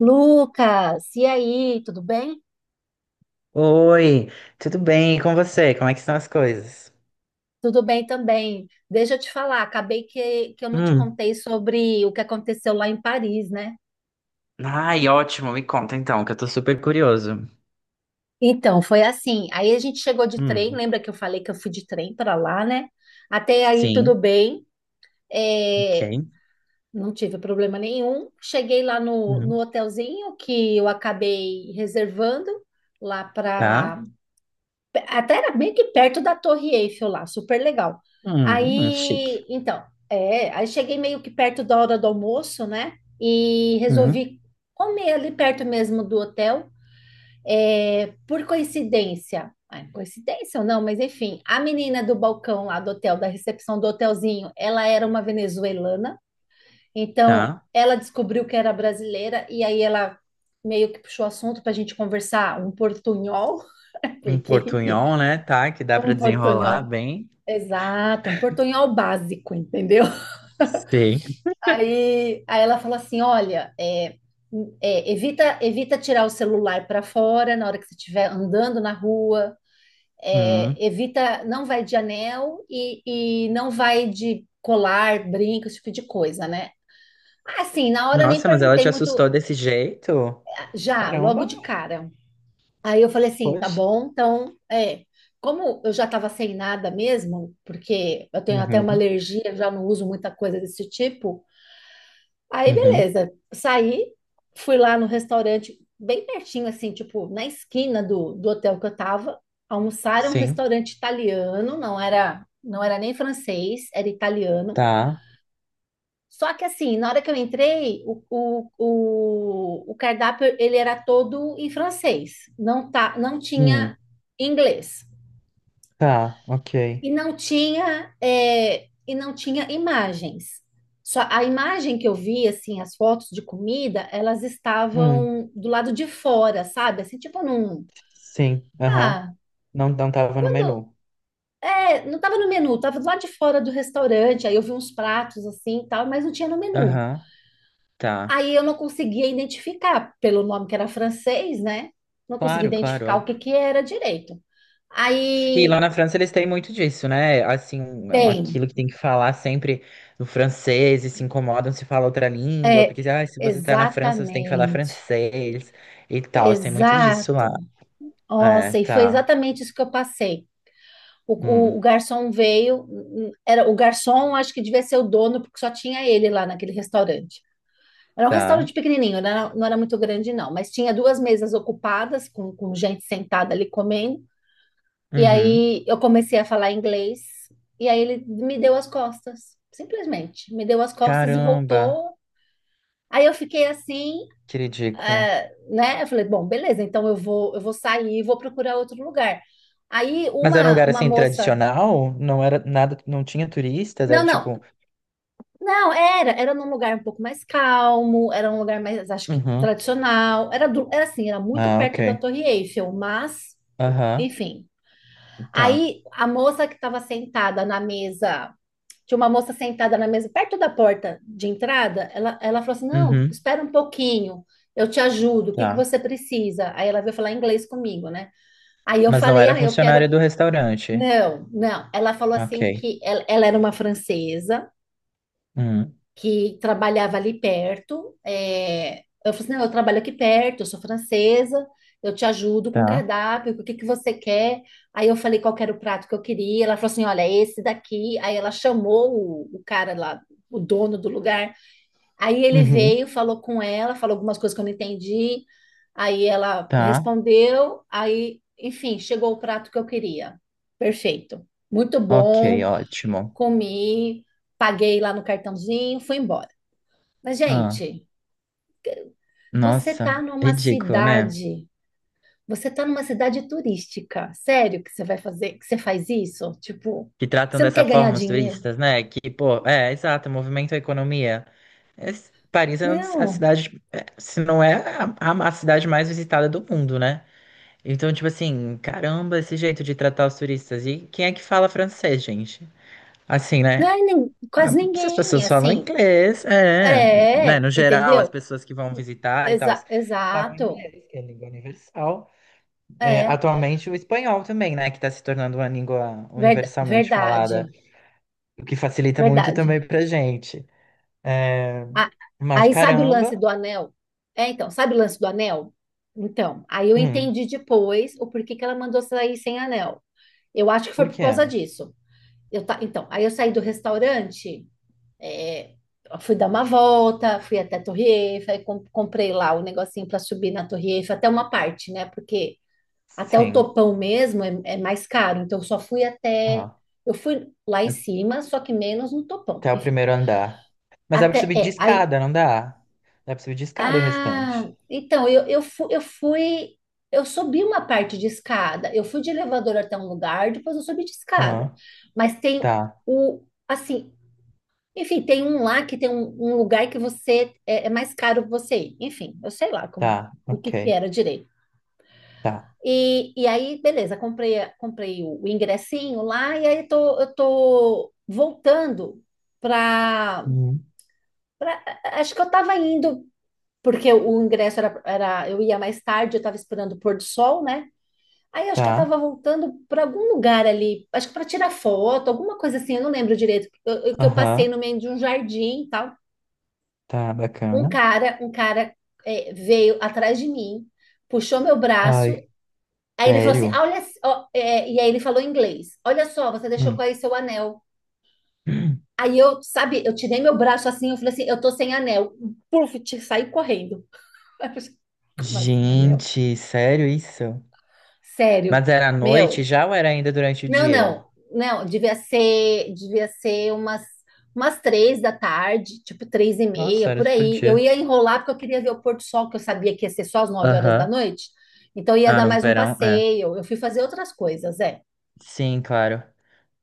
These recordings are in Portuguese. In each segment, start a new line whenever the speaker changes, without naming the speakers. Lucas, e aí, tudo bem?
Oi, tudo bem? E com você? Como é que estão as coisas?
Tudo bem também. Deixa eu te falar, acabei que eu não te
Hum.
contei sobre o que aconteceu lá em Paris, né?
Ai, ótimo, me conta então, que eu tô super curioso.
Então, foi assim. Aí a gente chegou de trem,
Hum.
lembra que eu falei que eu fui de trem para lá, né? Até aí tudo
Sim,
bem,
ok.
é, não tive problema nenhum. Cheguei lá no
Hum.
hotelzinho que eu acabei reservando lá
Tá.
para… Até era meio que perto da Torre Eiffel lá, super legal.
Chique.
Aí, então, aí cheguei meio que perto da hora do almoço, né? E
Hum.
resolvi comer ali perto mesmo do hotel. É, por coincidência, ah, coincidência ou não, mas enfim, a menina do balcão lá do hotel, da recepção do hotelzinho, ela era uma venezuelana, então
Tá.
ela descobriu que era brasileira e aí ela meio que puxou assunto para a gente conversar um portunhol,
Um
porque, enfim,
portunhol, né? Tá, que dá pra
um
desenrolar
portunhol…
bem.
Exato, um portunhol básico, entendeu?
Sim.
Aí ela falou assim: olha, evita, evita tirar o celular para fora na hora que você estiver andando na rua,
Hum.
evita, não vai de anel e não vai de colar, brinco, esse tipo de coisa, né? Ah, sim, na hora eu nem
Nossa, mas ela te
perguntei
assustou
muito.
desse jeito?
"Ah, já, logo
Caramba,
de cara." Aí eu falei assim, tá
poxa.
bom, então, como eu já estava sem nada mesmo, porque eu tenho até uma
Uhum,
alergia, já não uso muita coisa desse tipo, aí
uhum.
beleza, saí, fui lá no restaurante, bem pertinho, assim, tipo, na esquina do hotel que eu tava, almoçar, era um
Sim.
restaurante italiano, não era nem francês, era italiano,
Tá.
só que assim, na hora que eu entrei, o cardápio ele era todo em francês, não, tá, não
Hum.
tinha inglês
Tá,
e
ok.
não tinha e não tinha imagens. Só a imagem que eu vi, assim, as fotos de comida, elas
Hum.
estavam do lado de fora, sabe? Assim, tipo num…
Sim, aham.
Ah,
Não, não tava no
quando…
menu.
é, não estava no menu, estava do lado de fora do restaurante, aí eu vi uns pratos assim e tal, mas não tinha no menu.
Aham, tá.
Aí eu não conseguia identificar, pelo nome que era francês, né? Não conseguia
Claro, claro,
identificar o
óbvio.
que que era direito.
E lá
Aí
na França eles têm muito disso, né? Assim,
tem,
aquilo que tem que falar sempre no francês e se incomodam se fala outra língua,
é,
porque ah, se você tá na França, você tem que falar
exatamente,
francês e tal. Tem muito disso lá.
exato.
É,
Nossa, e foi
tá.
exatamente isso que eu passei. O, o-
Hum,
o garçom veio, era o garçom, acho que devia ser o dono, porque só tinha ele lá naquele restaurante. Era um
tá.
restaurante pequenininho, não era muito grande, não, mas tinha duas mesas ocupadas, com gente sentada ali comendo. E
Uhum.
aí eu comecei a falar inglês, e aí ele me deu as costas, simplesmente. Me deu as costas e
Caramba,
voltou. Aí eu fiquei assim,
que ridículo.
né? Eu falei, bom, beleza, então eu vou sair e vou procurar outro lugar. Aí
Mas era um lugar
uma
assim
moça…
tradicional? Não era nada, não tinha turistas,
Não,
era
não,
tipo.
não, era num lugar um pouco mais calmo, era um lugar mais, acho que
Uhum.
tradicional, era, do, era assim, era muito
Ah,
perto da
ok.
Torre Eiffel, mas,
Aham,
enfim.
tá.
Aí a moça que estava sentada na mesa… Tinha uma moça sentada na mesa, perto da porta de entrada. Ela falou assim: Não,
Uhum,
espera um pouquinho, eu te ajudo, o que que
tá.
você precisa? Aí ela veio falar inglês comigo, né? Aí eu
Mas não
falei:
era
Ah, eu
funcionária
quero…
do restaurante.
Não, não. Ela falou assim
Ok.
que ela era uma francesa,
Hum,
que trabalhava ali perto. É, eu falei assim, não, eu trabalho aqui perto, eu sou francesa, eu te ajudo com o
tá.
cardápio, o que que você quer? Aí eu falei qual que era o prato que eu queria. Ela falou assim, olha, é esse daqui. Aí ela chamou o cara lá, o dono do lugar. Aí ele
Uhum,
veio, falou com ela, falou algumas coisas que eu não entendi. Aí ela
tá.
respondeu, aí, enfim, chegou o prato que eu queria. Perfeito. Muito
Ok,
bom,
ótimo.
comi, paguei lá no cartãozinho, fui embora. Mas,
Ah,
gente, você
nossa,
tá numa
ridículo, né?
cidade, você tá numa cidade turística. Sério que você vai fazer, que você faz isso? Tipo,
Que tratam
você não
dessa
quer ganhar
forma os
dinheiro?
turistas, né? Que, pô, é, exato, movimento a economia. Paris é a
Não,
cidade, é, se não é a a cidade mais visitada do mundo, né? Então, tipo assim, caramba, esse jeito de tratar os turistas. E quem é que fala francês, gente? Assim,
não
né?
é nem
Ah,
quase
se as
ninguém,
pessoas falam
assim.
inglês, é,
É,
né? No geral, as
entendeu?
pessoas que vão visitar e tal
Exa-
falam
exato.
inglês, que é a língua universal. É,
É,
atualmente, o espanhol também, né? Que está se tornando uma língua
verda-
universalmente falada,
verdade,
o que facilita muito
verdade.
também pra gente. É,
Ah,
mas
aí sabe o lance
caramba,
do anel? É, então, sabe o lance do anel? Então, aí eu
hum,
entendi depois o porquê que ela mandou sair sem anel. Eu acho que foi
por
por causa
quê?
disso. Eu ta- Então, aí eu saí do restaurante, é, fui dar uma volta, fui até a Torre Eiffel, aí com- comprei lá o negocinho para subir na Torre Eiffel, até uma parte, né? Porque até o
Sim,
topão mesmo é mais caro, então eu só fui até…
ah,
Eu fui lá em cima, só que menos no topão,
até o
enfim.
primeiro andar. Mas dá pra
Até,
subir de
é, aí…
escada, não dá? Dá pra subir de escada o
Ah,
restante.
então, fu- eu fui. Eu subi uma parte de escada, eu fui de elevador até um lugar, depois eu subi de escada.
Ah,
Mas tem
tá,
o, assim… Enfim, tem um lá que tem um, um lugar que você é mais caro você ir. Enfim, eu sei lá como…
tá,
o que que
ok,
era direito.
tá,
E aí, beleza, comprei, a- comprei o ingressinho lá e aí tô, eu tô voltando para…
hum,
acho que eu tava indo… porque o ingresso era, era eu ia mais tarde, eu tava esperando o pôr do sol, né? Aí acho que eu
tá.
tava voltando para algum lugar ali, acho que para tirar foto, alguma coisa assim, eu não lembro direito, eu- que eu passei
Aham,
no meio de um jardim e tal.
tá, bacana.
Um cara veio atrás de mim, puxou meu
Ai,
braço, aí ele falou assim:
sério?
"Ah, olha, ó", é, e aí ele falou em inglês: olha só, você deixou
Hum.
cair seu anel. Aí eu, sabe, eu tirei meu braço assim, eu falei assim, eu tô sem anel. Puf, te- saí correndo. Aí eu falei, assim, Como assim, anel?
Gente, sério isso?
Sério,
Mas era à noite
meu.
já ou era ainda durante o
Não,
dia?
não, não, devia ser umas, umas 3 da tarde, tipo três e
Nossa,
meia,
era
por
super
aí. Eu
dia.
ia enrolar porque eu queria ver o pôr do sol, que eu sabia que ia ser só às nove horas da
Aham.
noite, então ia
Ah,
dar
no
mais um
verão, é.
passeio. Eu fui fazer outras coisas, é.
Sim, claro.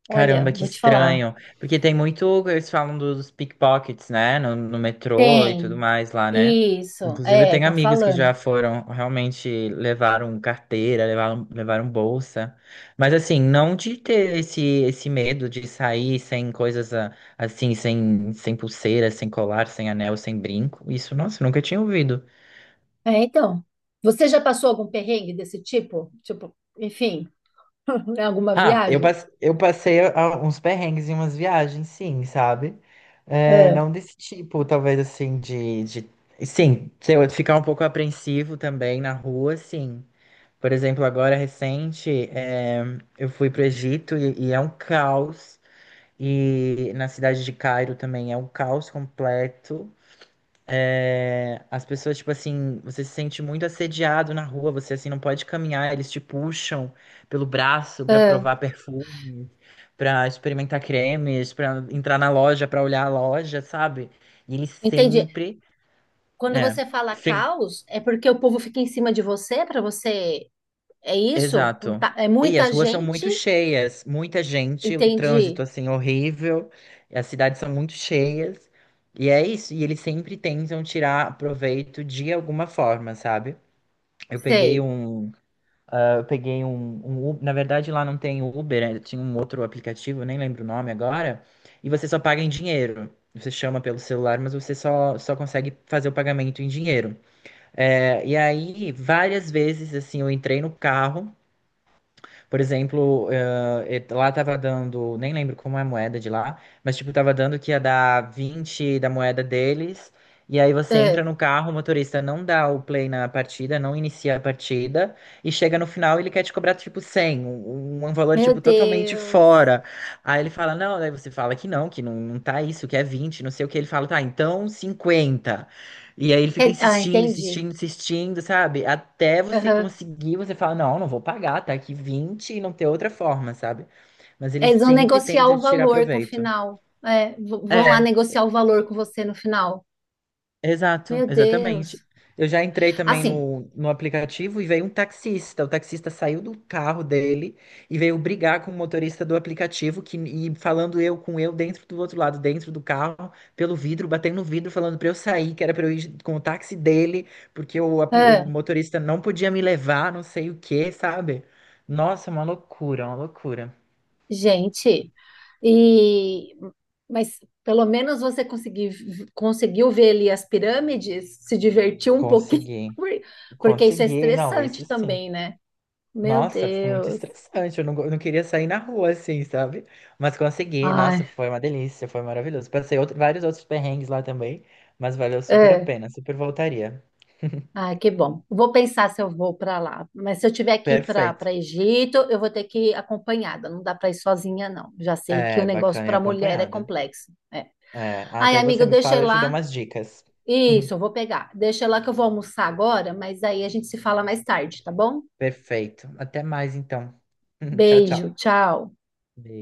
Olha,
Caramba, que
vou te falar.
estranho. Porque tem muito. Eles falam dos pickpockets, né? No metrô e tudo
Tem,
mais lá, né?
isso,
Inclusive, eu
é,
tenho
estão
amigos que
falando.
já foram, realmente levaram carteira, levaram bolsa. Mas, assim, não de ter esse medo de sair sem coisas ah, assim, sem pulseira, sem colar, sem anel, sem brinco. Isso, nossa, eu nunca tinha ouvido.
É, então, você já passou algum perrengue desse tipo? Tipo, enfim, em alguma
Ah,
viagem?
eu uns perrengues em umas viagens, sim, sabe? É,
É,
não desse tipo, talvez assim, de... Sim, se eu ficar um pouco apreensivo também na rua, sim. Por exemplo, agora recente, é, eu fui para o Egito e é um caos. E na cidade de Cairo também é um caos completo. É, as pessoas, tipo assim, você se sente muito assediado na rua, você assim não pode caminhar, eles te puxam pelo braço pra
é,
provar perfume, pra experimentar cremes, pra entrar na loja, pra olhar a loja, sabe? E eles
entendi.
sempre,
Quando
é,
você fala
sim,
caos, é porque o povo fica em cima de você para você. É isso? Com
exato.
ta- É
E as
muita
ruas são
gente?
muito cheias, muita gente, o trânsito
Entendi.
assim horrível, e as cidades são muito cheias. E é isso, e eles sempre tentam tirar proveito de alguma forma, sabe? Eu peguei
Sei.
um Ah, eu peguei um Uber. Na verdade, lá não tem Uber, né? Tinha um outro aplicativo, eu nem lembro o nome agora. E você só paga em dinheiro. Você chama pelo celular, mas você só consegue fazer o pagamento em dinheiro. É, e aí, várias vezes, assim, eu entrei no carro. Por exemplo, lá tava dando, nem lembro como é a moeda de lá, mas tipo, tava dando que ia dar 20 da moeda deles. E aí você
Ah,
entra no carro, o motorista não dá o play na partida, não inicia a partida, e chega no final ele quer te cobrar tipo um valor
meu
tipo totalmente
Deus.
fora. Aí ele fala, não, daí você fala que não, não tá isso, que é 20 não sei o que. Ele fala, tá, então 50 e aí ele fica
É- Ah,
insistindo,
entendi.
insistindo, insistindo, sabe? Até você
Aham.
conseguir, você fala, não, não vou pagar, tá aqui 20 e não tem outra forma, sabe? Mas eles
Eles vão
sempre
negociar
tentam
o
tirar
valor com o
proveito.
final. É, v- vão lá
É,
negociar o valor com você no final.
exato,
Meu
exatamente.
Deus.
Eu já entrei também
Assim.
no aplicativo e veio um taxista. O taxista saiu do carro dele e veio brigar com o motorista do aplicativo que, e falando eu com eu dentro do outro lado, dentro do carro, pelo vidro, batendo no vidro, falando pra eu sair, que era pra eu ir com o táxi dele, porque o, o motorista não podia me levar, não sei o que, sabe? Nossa, uma loucura, uma loucura.
Gente, e mas pelo menos você consegui, conseguiu ver ali as pirâmides, se divertiu um pouquinho,
Consegui,
por- porque isso é
consegui. Não, isso
estressante
sim.
também, né? Meu
Nossa, foi muito
Deus.
estressante. Eu não, eu não queria sair na rua assim, sabe? Mas consegui. Nossa,
Ai,
foi uma delícia, foi maravilhoso. Passei vários outros perrengues lá também, mas valeu super a
é.
pena, super voltaria.
Ai, que bom. Vou pensar se eu vou para lá. Mas se eu tiver que ir
Perfeito.
para Egito, eu vou ter que ir acompanhada. Não dá para ir sozinha, não. Já sei que o
É,
negócio
bacana e
para mulher é
acompanhada.
complexo. É.
É, mas
Ai,
aí você
amigo,
me
deixa eu ir
fala, eu te dou
lá.
umas dicas.
Isso, eu vou pegar. Deixa lá que eu vou almoçar agora, mas aí a gente se fala mais tarde, tá bom?
Perfeito. Até mais então. Tchau,
Beijo,
tchau.
tchau.